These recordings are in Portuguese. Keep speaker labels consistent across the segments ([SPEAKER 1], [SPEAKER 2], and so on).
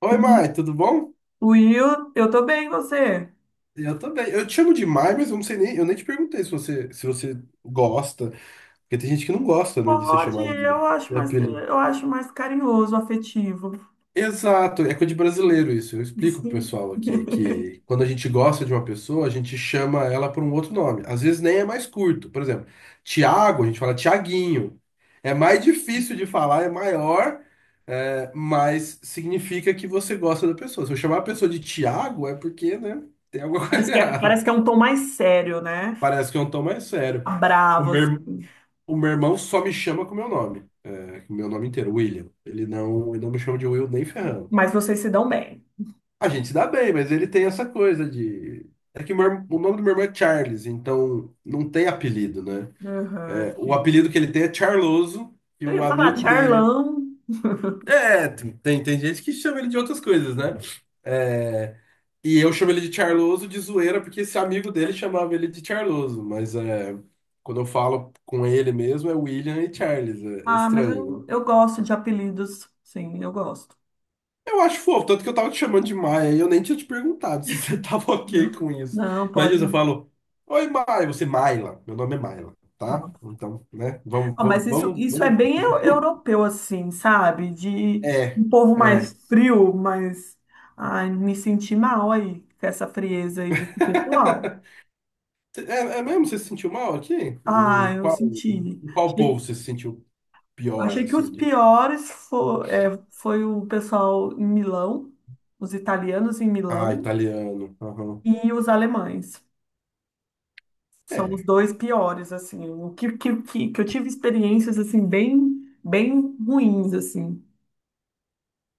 [SPEAKER 1] Oi, Mai, tudo bom?
[SPEAKER 2] Will, eu tô bem, você?
[SPEAKER 1] Eu também. Eu te chamo de Mai, mas eu nem te perguntei se você gosta, porque tem gente que não gosta, né, de ser
[SPEAKER 2] Pode,
[SPEAKER 1] chamado de apelido.
[SPEAKER 2] eu acho mais carinhoso, afetivo.
[SPEAKER 1] Exato, é coisa de brasileiro isso. Eu explico pro
[SPEAKER 2] Sim.
[SPEAKER 1] pessoal aqui que quando a gente gosta de uma pessoa, a gente chama ela por um outro nome. Às vezes nem é mais curto. Por exemplo, Tiago, a gente fala Tiaguinho. É mais difícil de falar, é maior, é, mas significa que você gosta da pessoa. Se eu chamar a pessoa de Tiago, é porque, né, tem alguma coisa
[SPEAKER 2] Parece
[SPEAKER 1] errada.
[SPEAKER 2] que é um tom mais sério, né?
[SPEAKER 1] Parece que é um tom mais sério. O
[SPEAKER 2] Bravo,
[SPEAKER 1] meu, ir-
[SPEAKER 2] assim.
[SPEAKER 1] o meu irmão só me chama com o meu nome. É, com o meu nome inteiro, William. Ele não me chama de Will nem ferrando.
[SPEAKER 2] Mas vocês se dão bem.
[SPEAKER 1] A gente se dá bem, mas ele tem essa coisa de. É que o, o nome do meu irmão é Charles, então não tem apelido, né?
[SPEAKER 2] Aham,
[SPEAKER 1] É, o
[SPEAKER 2] sim.
[SPEAKER 1] apelido que ele tem é Charloso, e
[SPEAKER 2] Eu
[SPEAKER 1] um
[SPEAKER 2] ia falar
[SPEAKER 1] amigo dele
[SPEAKER 2] Charlão.
[SPEAKER 1] é, tem gente que chama ele de outras coisas, né? É, e eu chamo ele de Charloso de zoeira, porque esse amigo dele chamava ele de Charloso, mas é, quando eu falo com ele mesmo é William e Charles, é, é
[SPEAKER 2] Ah, mas
[SPEAKER 1] estranho,
[SPEAKER 2] eu,
[SPEAKER 1] né?
[SPEAKER 2] eu gosto de apelidos. Sim, eu gosto.
[SPEAKER 1] Eu acho fofo, tanto que eu tava te chamando de Maia e eu nem tinha te perguntado se você tava ok
[SPEAKER 2] Não,
[SPEAKER 1] com isso.
[SPEAKER 2] não,
[SPEAKER 1] Mas isso eu
[SPEAKER 2] pode.
[SPEAKER 1] falo, Oi, Maia, você Maila, meu nome é Maila, tá? Então, né, vamos,
[SPEAKER 2] Ah, mas
[SPEAKER 1] vamos,
[SPEAKER 2] isso,
[SPEAKER 1] vamos,
[SPEAKER 2] isso é
[SPEAKER 1] vamos.
[SPEAKER 2] bem europeu, assim, sabe? De
[SPEAKER 1] É,
[SPEAKER 2] um povo mais
[SPEAKER 1] é.
[SPEAKER 2] frio, mas. Ai, me senti mal aí, com essa frieza aí desse pessoal.
[SPEAKER 1] É, é mesmo? Você se sentiu mal aqui?
[SPEAKER 2] Ah,
[SPEAKER 1] Em
[SPEAKER 2] eu
[SPEAKER 1] qual,
[SPEAKER 2] senti.
[SPEAKER 1] em qual povo
[SPEAKER 2] Achei,
[SPEAKER 1] você se sentiu pior,
[SPEAKER 2] achei que os
[SPEAKER 1] assim?
[SPEAKER 2] piores foi, foi o pessoal em Milão, os italianos em
[SPEAKER 1] Ah,
[SPEAKER 2] Milão
[SPEAKER 1] italiano. Aham.
[SPEAKER 2] e os alemães. São os
[SPEAKER 1] É.
[SPEAKER 2] dois piores, assim. O que eu tive experiências, assim, bem, bem ruins, assim. O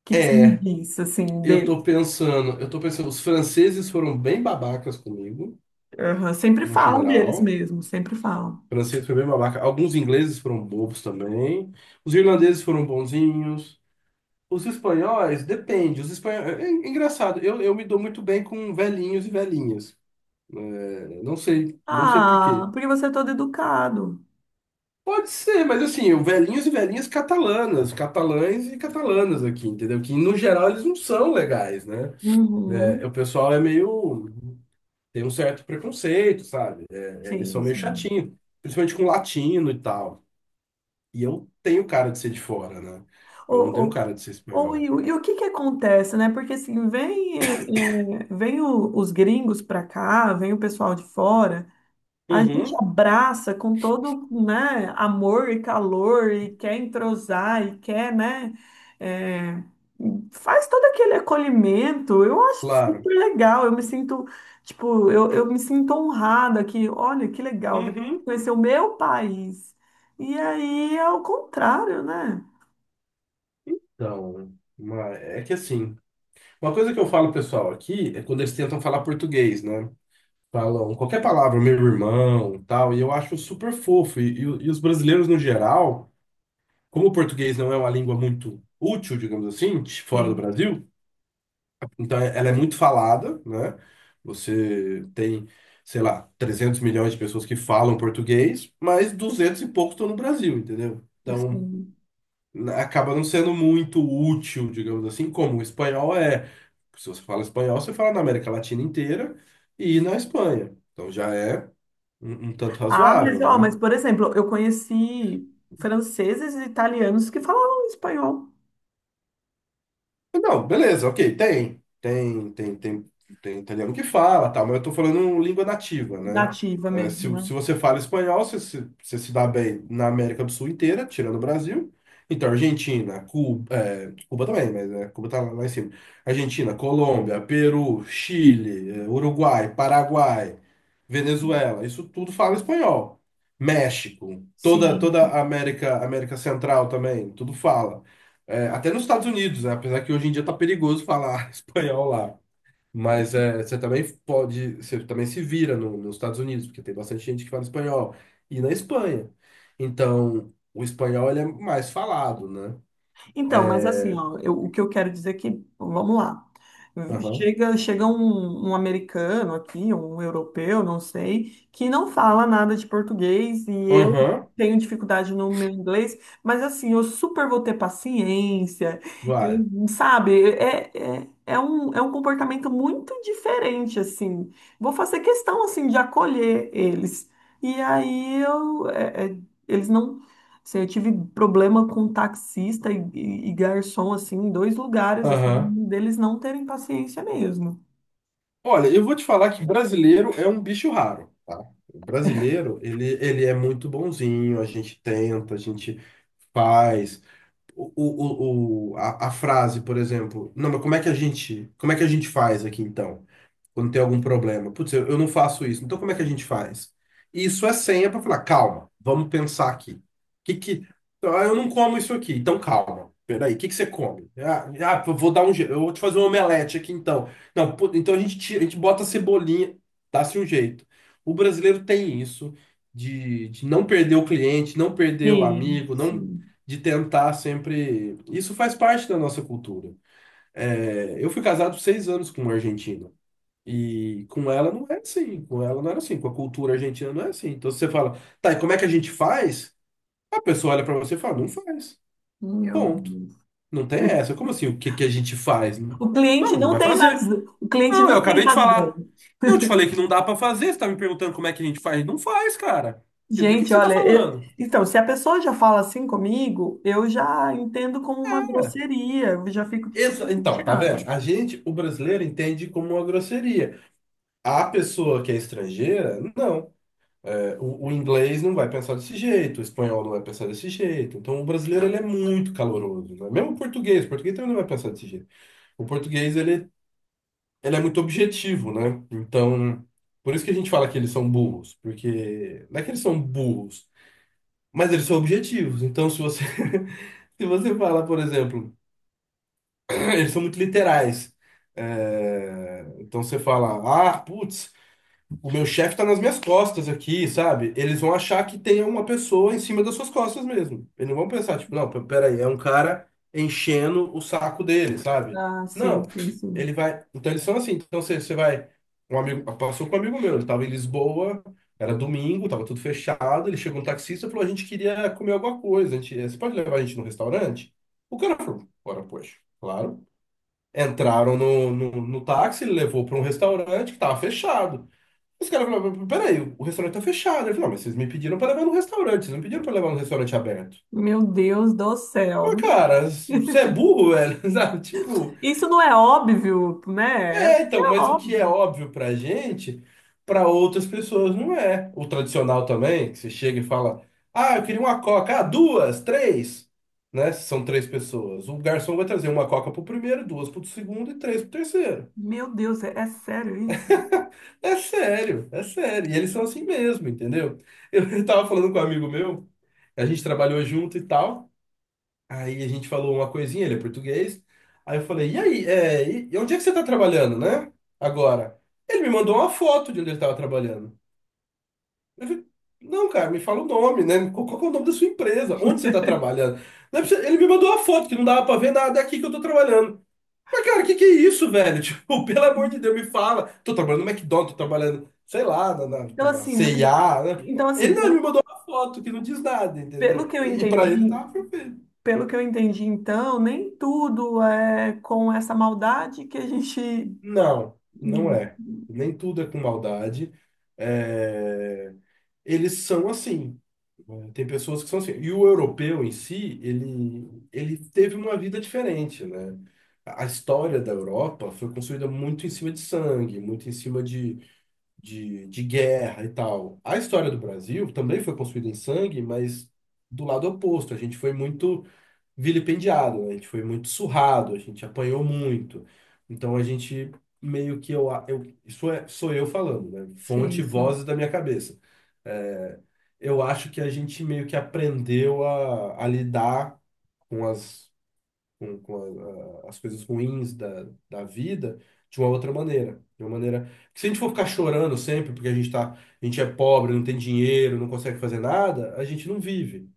[SPEAKER 2] que, que você me
[SPEAKER 1] É,
[SPEAKER 2] diz, assim,
[SPEAKER 1] eu tô
[SPEAKER 2] deles?
[SPEAKER 1] pensando, eu tô pensando, os franceses foram bem babacas comigo,
[SPEAKER 2] Aham, sempre
[SPEAKER 1] no
[SPEAKER 2] falam
[SPEAKER 1] geral.
[SPEAKER 2] deles
[SPEAKER 1] O
[SPEAKER 2] mesmo, sempre falam.
[SPEAKER 1] francês foi bem babaca. Alguns ingleses foram bobos também. Os irlandeses foram bonzinhos. Os espanhóis, depende. Os espanhóis, é, é engraçado, eu me dou muito bem com velhinhos e velhinhas. É, não sei por
[SPEAKER 2] Ah,
[SPEAKER 1] quê.
[SPEAKER 2] porque você é todo educado.
[SPEAKER 1] Pode ser, mas assim, o velhinhos e velhinhas catalanas, catalães e catalanas aqui, entendeu? Que no geral eles não são legais, né? É,
[SPEAKER 2] Uhum,
[SPEAKER 1] o pessoal é meio. Tem um certo preconceito, sabe? É, eles são
[SPEAKER 2] sim,
[SPEAKER 1] meio
[SPEAKER 2] sim.
[SPEAKER 1] chatinhos, principalmente com latino e tal. E eu tenho cara de ser de fora, né? Eu não
[SPEAKER 2] Ou,
[SPEAKER 1] tenho
[SPEAKER 2] ou,
[SPEAKER 1] cara de ser
[SPEAKER 2] ou,
[SPEAKER 1] espanhol.
[SPEAKER 2] e o que que acontece, né? Porque assim, vem, vem os gringos pra cá, vem o pessoal de fora. A gente
[SPEAKER 1] Uhum,
[SPEAKER 2] abraça com todo, né, amor e calor e quer entrosar e quer, né, é, faz todo aquele acolhimento. Eu acho
[SPEAKER 1] claro.
[SPEAKER 2] super legal. Eu me sinto, tipo, eu me sinto honrada que, olha, que legal, velho,
[SPEAKER 1] Uhum.
[SPEAKER 2] conhecer o meu país. E aí é o contrário, né?
[SPEAKER 1] Então, é que assim, uma coisa que eu falo pessoal aqui é quando eles tentam falar português, né? Falam qualquer palavra, meu irmão, tal, e eu acho super fofo. E os brasileiros, no geral, como o português não é uma língua muito útil, digamos assim, fora do
[SPEAKER 2] Sim.
[SPEAKER 1] Brasil, então ela é muito falada, né? Você tem, sei lá, 300 milhões de pessoas que falam português, mas 200 e poucos estão no Brasil, entendeu? Então,
[SPEAKER 2] Assim.
[SPEAKER 1] acaba não sendo muito útil, digamos assim, como o espanhol é. Se você fala espanhol, você fala na América Latina inteira e na Espanha. Então já é um tanto
[SPEAKER 2] Ah, mas,
[SPEAKER 1] razoável,
[SPEAKER 2] ó,
[SPEAKER 1] né?
[SPEAKER 2] mas, por exemplo, eu conheci franceses e italianos que falavam espanhol
[SPEAKER 1] Não, beleza, ok, tem. Tem italiano que fala, tal, mas eu tô falando língua nativa, né?
[SPEAKER 2] nativa
[SPEAKER 1] É, se,
[SPEAKER 2] mesmo, né?
[SPEAKER 1] se você fala espanhol, você, você se dá bem na América do Sul inteira, tirando o Brasil. Então, Argentina, Cuba, é, Cuba também, mas é, Cuba tá lá em cima. Argentina, Colômbia, Peru, Chile, é, Uruguai, Paraguai, Venezuela, isso tudo fala espanhol. México, toda, toda
[SPEAKER 2] Sim.
[SPEAKER 1] a América, América Central também, tudo fala. É, até nos Estados Unidos, né? Apesar que hoje em dia tá perigoso falar espanhol lá. Mas é, você também pode, você também se vira nos Estados Unidos, porque tem bastante gente que fala espanhol. E na Espanha. Então, o espanhol ele é mais falado, né?
[SPEAKER 2] Então, mas assim,
[SPEAKER 1] É,
[SPEAKER 2] ó, o que eu quero dizer é que, vamos lá.
[SPEAKER 1] aham,
[SPEAKER 2] Chega um, um americano aqui, um europeu, não sei, que não fala nada de português e eu
[SPEAKER 1] aham,
[SPEAKER 2] tenho dificuldade no meu inglês, mas assim, eu super vou ter paciência,
[SPEAKER 1] vai,
[SPEAKER 2] sabe? É um comportamento muito diferente, assim. Vou fazer questão, assim, de acolher eles. E aí eu, eles não. Assim, eu tive problema com taxista e, e garçom, assim, em dois lugares, assim,
[SPEAKER 1] aham.
[SPEAKER 2] deles não terem paciência mesmo.
[SPEAKER 1] Olha, eu vou te falar que brasileiro é um bicho raro, tá? O brasileiro, ele é muito bonzinho, a gente tenta, a gente faz. A frase, por exemplo, não, mas como é que a gente faz aqui então? Quando tem algum problema. Putz, eu não faço isso. Então, como é que a gente faz? E isso é senha para falar, calma, vamos pensar aqui. Que... Então, ah, eu não como isso aqui, então calma. Peraí, o que que você come? Ah, ah, eu vou dar um jeito, eu vou te fazer um omelete aqui então. Não, pô, então a gente, a gente bota a cebolinha, dá-se um jeito. O brasileiro tem isso de não perder o cliente, não perder o
[SPEAKER 2] Sim,
[SPEAKER 1] amigo, não
[SPEAKER 2] sim,
[SPEAKER 1] de tentar sempre. Isso faz parte da nossa cultura. É, eu fui casado 6 anos com um argentino. E com ela não é assim, com ela não era assim, com a cultura argentina não é assim. Então você fala, tá, e como é que a gente faz? A pessoa olha pra você e fala, não faz.
[SPEAKER 2] meu
[SPEAKER 1] Ponto.
[SPEAKER 2] Deus.
[SPEAKER 1] Não tem essa. Como assim? O que que a gente faz? Não,
[SPEAKER 2] O cliente
[SPEAKER 1] não
[SPEAKER 2] não
[SPEAKER 1] vai
[SPEAKER 2] tem
[SPEAKER 1] fazer.
[SPEAKER 2] razão. O cliente
[SPEAKER 1] Não, eu
[SPEAKER 2] não tem
[SPEAKER 1] acabei de
[SPEAKER 2] razão.
[SPEAKER 1] falar. Eu te falei que não dá pra fazer, você tá me perguntando como é que a gente faz? Não faz, cara. E do que
[SPEAKER 2] Gente,
[SPEAKER 1] você tá
[SPEAKER 2] olha, eu-
[SPEAKER 1] falando?
[SPEAKER 2] então, se a pessoa já fala assim comigo, eu já entendo como uma grosseria, eu já fico super
[SPEAKER 1] Então, tá
[SPEAKER 2] chateada.
[SPEAKER 1] vendo? A gente, o brasileiro, entende como uma grosseria. A pessoa que é estrangeira, não. O inglês não vai pensar desse jeito, o espanhol não vai pensar desse jeito. Então, o brasileiro ele é muito caloroso, né? Mesmo o português também não vai pensar desse jeito. O português ele, ele é muito objetivo, né? Então, por isso que a gente fala que eles são burros, porque não é que eles são burros, mas eles são objetivos. Então, se você se você fala, por exemplo, eles são muito literais. É, então você fala, ah, putz. O meu chefe tá nas minhas costas aqui, sabe? Eles vão achar que tem uma pessoa em cima das suas costas mesmo. Eles não vão pensar, tipo, não, peraí, é um cara enchendo o saco dele, sabe?
[SPEAKER 2] Ah,
[SPEAKER 1] Não.
[SPEAKER 2] sim, sim, sim.
[SPEAKER 1] Ele vai. Então eles são assim. Então você, você vai. Um amigo. Passou com um amigo meu, ele tava em Lisboa, era domingo, tava tudo fechado. Ele chegou um taxista e falou: a gente queria comer alguma coisa. A gente, você pode levar a gente no restaurante? O cara falou: bora, poxa, claro. Entraram no táxi, ele levou para um restaurante que tava fechado. Os caras falaram, peraí, o restaurante tá fechado. Ele falou, não, mas vocês me pediram pra levar no restaurante, vocês não pediram pra levar no restaurante aberto.
[SPEAKER 2] Meu Deus do
[SPEAKER 1] Mas,
[SPEAKER 2] céu.
[SPEAKER 1] cara, você é burro, velho, sabe? Tipo,
[SPEAKER 2] Isso não é óbvio, né?
[SPEAKER 1] é,
[SPEAKER 2] Isso
[SPEAKER 1] então,
[SPEAKER 2] é
[SPEAKER 1] mas o que é
[SPEAKER 2] óbvio.
[SPEAKER 1] óbvio pra gente, pra outras pessoas não é. O tradicional também, que você chega e fala, ah, eu queria uma coca, ah, duas, três, né? São três pessoas. O garçom vai trazer uma coca pro primeiro, duas pro segundo e três pro terceiro.
[SPEAKER 2] Meu Deus, é, é sério isso?
[SPEAKER 1] É sério, é sério. E eles são assim mesmo, entendeu? Eu tava falando com um amigo meu, a gente trabalhou junto e tal. Aí a gente falou uma coisinha, ele é português. Aí eu falei, e aí, é, e onde é que você tá trabalhando, né? Agora. Ele me mandou uma foto de onde ele tava trabalhando. Eu falei, não, cara, me fala o nome, né? Qual que é o nome da sua empresa? Onde você tá trabalhando? Não é possível- Ele me mandou uma foto que não dava pra ver nada, é aqui que eu tô trabalhando. Mas, cara, o que que é isso, velho? Tipo, pelo amor de Deus, me fala. Tô trabalhando no McDonald's, tô trabalhando, sei lá, na, na,
[SPEAKER 2] Então,
[SPEAKER 1] na
[SPEAKER 2] assim,
[SPEAKER 1] C&A, né?
[SPEAKER 2] então,
[SPEAKER 1] Ele
[SPEAKER 2] assim,
[SPEAKER 1] não, ele me
[SPEAKER 2] pelo,
[SPEAKER 1] mandou uma foto que não diz nada,
[SPEAKER 2] pelo
[SPEAKER 1] entendeu?
[SPEAKER 2] que eu
[SPEAKER 1] E pra ele
[SPEAKER 2] entendi,
[SPEAKER 1] tava perfeito.
[SPEAKER 2] pelo que eu entendi, então, nem tudo é com essa maldade que a gente.
[SPEAKER 1] Não, não
[SPEAKER 2] Hum,
[SPEAKER 1] é. Nem tudo é com maldade. É, eles são assim. Né? Tem pessoas que são assim. E o europeu em si, ele teve uma vida diferente, né? A história da Europa foi construída muito em cima de sangue, muito em cima de de guerra e tal. A história do Brasil também foi construída em sangue, mas do lado oposto. A gente foi muito vilipendiado, a gente foi muito surrado, a gente apanhou muito. Então a gente meio que eu isso é, sou eu falando, né?
[SPEAKER 2] Sim,
[SPEAKER 1] Fonte,
[SPEAKER 2] sim.
[SPEAKER 1] vozes da minha cabeça. É, eu acho que a gente meio que aprendeu a lidar com as com as coisas ruins da vida de uma outra maneira. De uma maneira. Porque se a gente for ficar chorando sempre, porque a gente tá, a gente é pobre, não tem dinheiro, não consegue fazer nada, a gente não vive.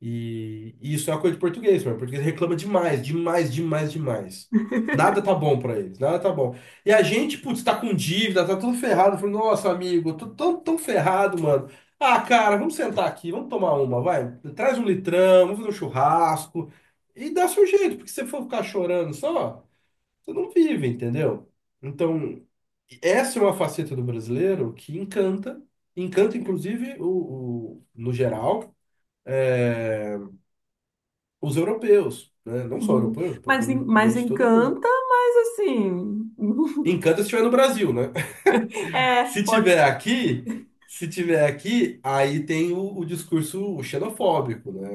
[SPEAKER 1] E isso é uma coisa de português, mano. O português reclama demais, demais, demais, demais. Nada tá bom pra eles, nada tá bom. E a gente, putz, tá com dívida, tá tudo ferrado. Falei, nossa, amigo, eu tô tão, tão ferrado, mano. Ah, cara, vamos sentar aqui, vamos tomar uma, vai. Traz um litrão, vamos fazer um churrasco. E dá seu jeito, porque se você for ficar chorando só, você não vive, entendeu? Então, essa é uma faceta do brasileiro que encanta, encanta inclusive no geral. É. Os europeus, né? Não só
[SPEAKER 2] Uhum.
[SPEAKER 1] europeus, tô
[SPEAKER 2] Mas,
[SPEAKER 1] falando de
[SPEAKER 2] mas
[SPEAKER 1] gente de todo mundo.
[SPEAKER 2] encanta, mas assim.
[SPEAKER 1] Encanto se estiver no Brasil, né?
[SPEAKER 2] É,
[SPEAKER 1] Se
[SPEAKER 2] pode.
[SPEAKER 1] tiver aqui, se tiver aqui, aí tem o discurso xenofóbico, né?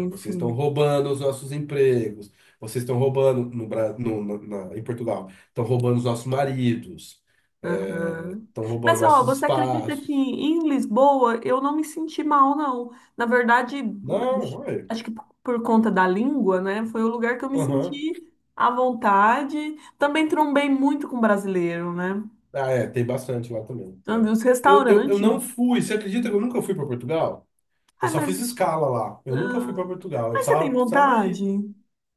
[SPEAKER 1] É, vocês estão
[SPEAKER 2] sim.
[SPEAKER 1] roubando os nossos empregos, vocês estão roubando no, Bra- no, na, na- em Portugal, estão roubando os nossos maridos, é,
[SPEAKER 2] Aham.
[SPEAKER 1] estão roubando
[SPEAKER 2] Mas, ó,
[SPEAKER 1] nossos
[SPEAKER 2] você acredita que
[SPEAKER 1] espaços.
[SPEAKER 2] em Lisboa eu não me senti mal, não? Na verdade,
[SPEAKER 1] Não, olha.
[SPEAKER 2] acho que por conta da língua, né? Foi o lugar que eu me
[SPEAKER 1] Aham.
[SPEAKER 2] senti à vontade. Também trombei muito com brasileiro, né?
[SPEAKER 1] Ah, é, tem bastante lá também.
[SPEAKER 2] Então,
[SPEAKER 1] É.
[SPEAKER 2] os
[SPEAKER 1] Eu
[SPEAKER 2] restaurantes.
[SPEAKER 1] não fui, você acredita que eu nunca fui para Portugal? Eu
[SPEAKER 2] Ai,
[SPEAKER 1] só
[SPEAKER 2] mas.
[SPEAKER 1] fiz escala lá. Eu nunca fui para
[SPEAKER 2] Ah,
[SPEAKER 1] Portugal. Eu
[SPEAKER 2] mas você tem
[SPEAKER 1] precisava
[SPEAKER 2] vontade?
[SPEAKER 1] ir.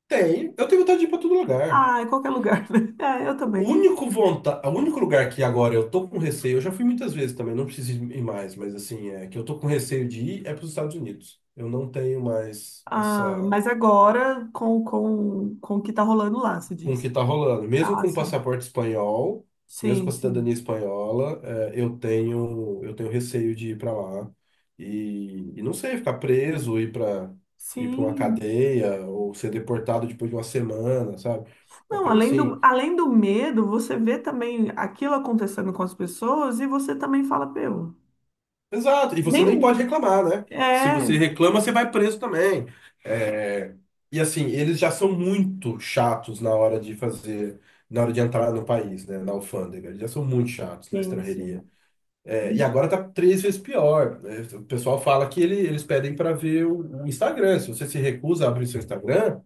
[SPEAKER 1] Tem. Eu tenho vontade de ir para todo lugar.
[SPEAKER 2] Ah, em qualquer lugar, né? É, eu
[SPEAKER 1] O
[SPEAKER 2] também.
[SPEAKER 1] único vonta, o único lugar que agora eu tô com receio, eu já fui muitas vezes também, não preciso ir mais, mas assim, é que eu tô com receio de ir é para os Estados Unidos. Eu não tenho mais essa
[SPEAKER 2] Ah, mas agora com o que tá rolando lá, se
[SPEAKER 1] com o que
[SPEAKER 2] diz.
[SPEAKER 1] está rolando. Mesmo
[SPEAKER 2] Ah,
[SPEAKER 1] com o
[SPEAKER 2] sim.
[SPEAKER 1] passaporte espanhol, mesmo com
[SPEAKER 2] Sim,
[SPEAKER 1] a
[SPEAKER 2] sim.
[SPEAKER 1] cidadania espanhola, é, eu tenho receio de ir para lá e não sei, ficar preso, ir para uma
[SPEAKER 2] Sim.
[SPEAKER 1] cadeia ou ser deportado depois de uma semana, sabe? Uma
[SPEAKER 2] Não,
[SPEAKER 1] coisa assim.
[SPEAKER 2] além do medo, você vê também aquilo acontecendo com as pessoas e você também fala, meu,
[SPEAKER 1] Exato. E você nem
[SPEAKER 2] nem
[SPEAKER 1] pode reclamar, né? Se
[SPEAKER 2] é,
[SPEAKER 1] você reclama, você vai preso também. É, e assim, eles já são muito chatos na hora de fazer, na hora de entrar no país, né? Na alfândega. Eles já são muito chatos na estrangeria.
[SPEAKER 2] gente.
[SPEAKER 1] É, e agora tá 3 vezes pior. É, o pessoal fala que eles pedem para ver o Instagram. Se você se recusa a abrir seu Instagram,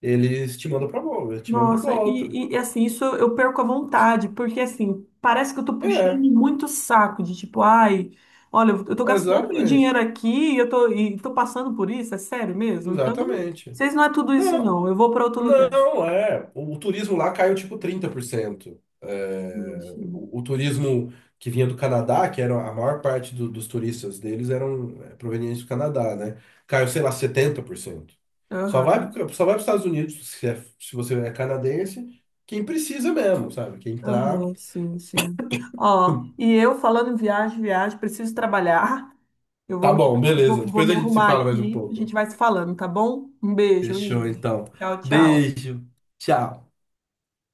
[SPEAKER 1] eles te mandam para volta, te mandam de
[SPEAKER 2] Nossa,
[SPEAKER 1] volta.
[SPEAKER 2] e assim, isso eu perco a vontade, porque assim, parece que eu tô puxando
[SPEAKER 1] É,
[SPEAKER 2] muito saco de tipo, ai, olha, eu tô gastando meu
[SPEAKER 1] exatamente,
[SPEAKER 2] dinheiro aqui e e tô passando por isso, é sério mesmo? Então,
[SPEAKER 1] exatamente.
[SPEAKER 2] vocês não é tudo isso
[SPEAKER 1] Não,
[SPEAKER 2] não, eu vou para outro lugar.
[SPEAKER 1] não, é. O turismo lá caiu tipo 30%. É,
[SPEAKER 2] Enfim.
[SPEAKER 1] o turismo que vinha do Canadá, que era a maior parte dos turistas deles eram é, provenientes do Canadá, né? Caiu, sei lá, 70%. Só vai,
[SPEAKER 2] Aham.
[SPEAKER 1] só vai para os Estados Unidos se, se você é canadense, quem precisa mesmo, sabe? Quem tá.
[SPEAKER 2] Aham, sim, sim. Ó, e eu falando em viagem, viagem, preciso trabalhar. Eu vou
[SPEAKER 1] Tá
[SPEAKER 2] me,
[SPEAKER 1] bom, beleza.
[SPEAKER 2] vou
[SPEAKER 1] Depois
[SPEAKER 2] me
[SPEAKER 1] a gente se
[SPEAKER 2] arrumar
[SPEAKER 1] fala mais um
[SPEAKER 2] aqui. A gente
[SPEAKER 1] pouco.
[SPEAKER 2] vai se falando, tá bom? Um beijo,
[SPEAKER 1] Fechou,
[SPEAKER 2] Will.
[SPEAKER 1] então.
[SPEAKER 2] Tchau, tchau.
[SPEAKER 1] Beijo. Tchau.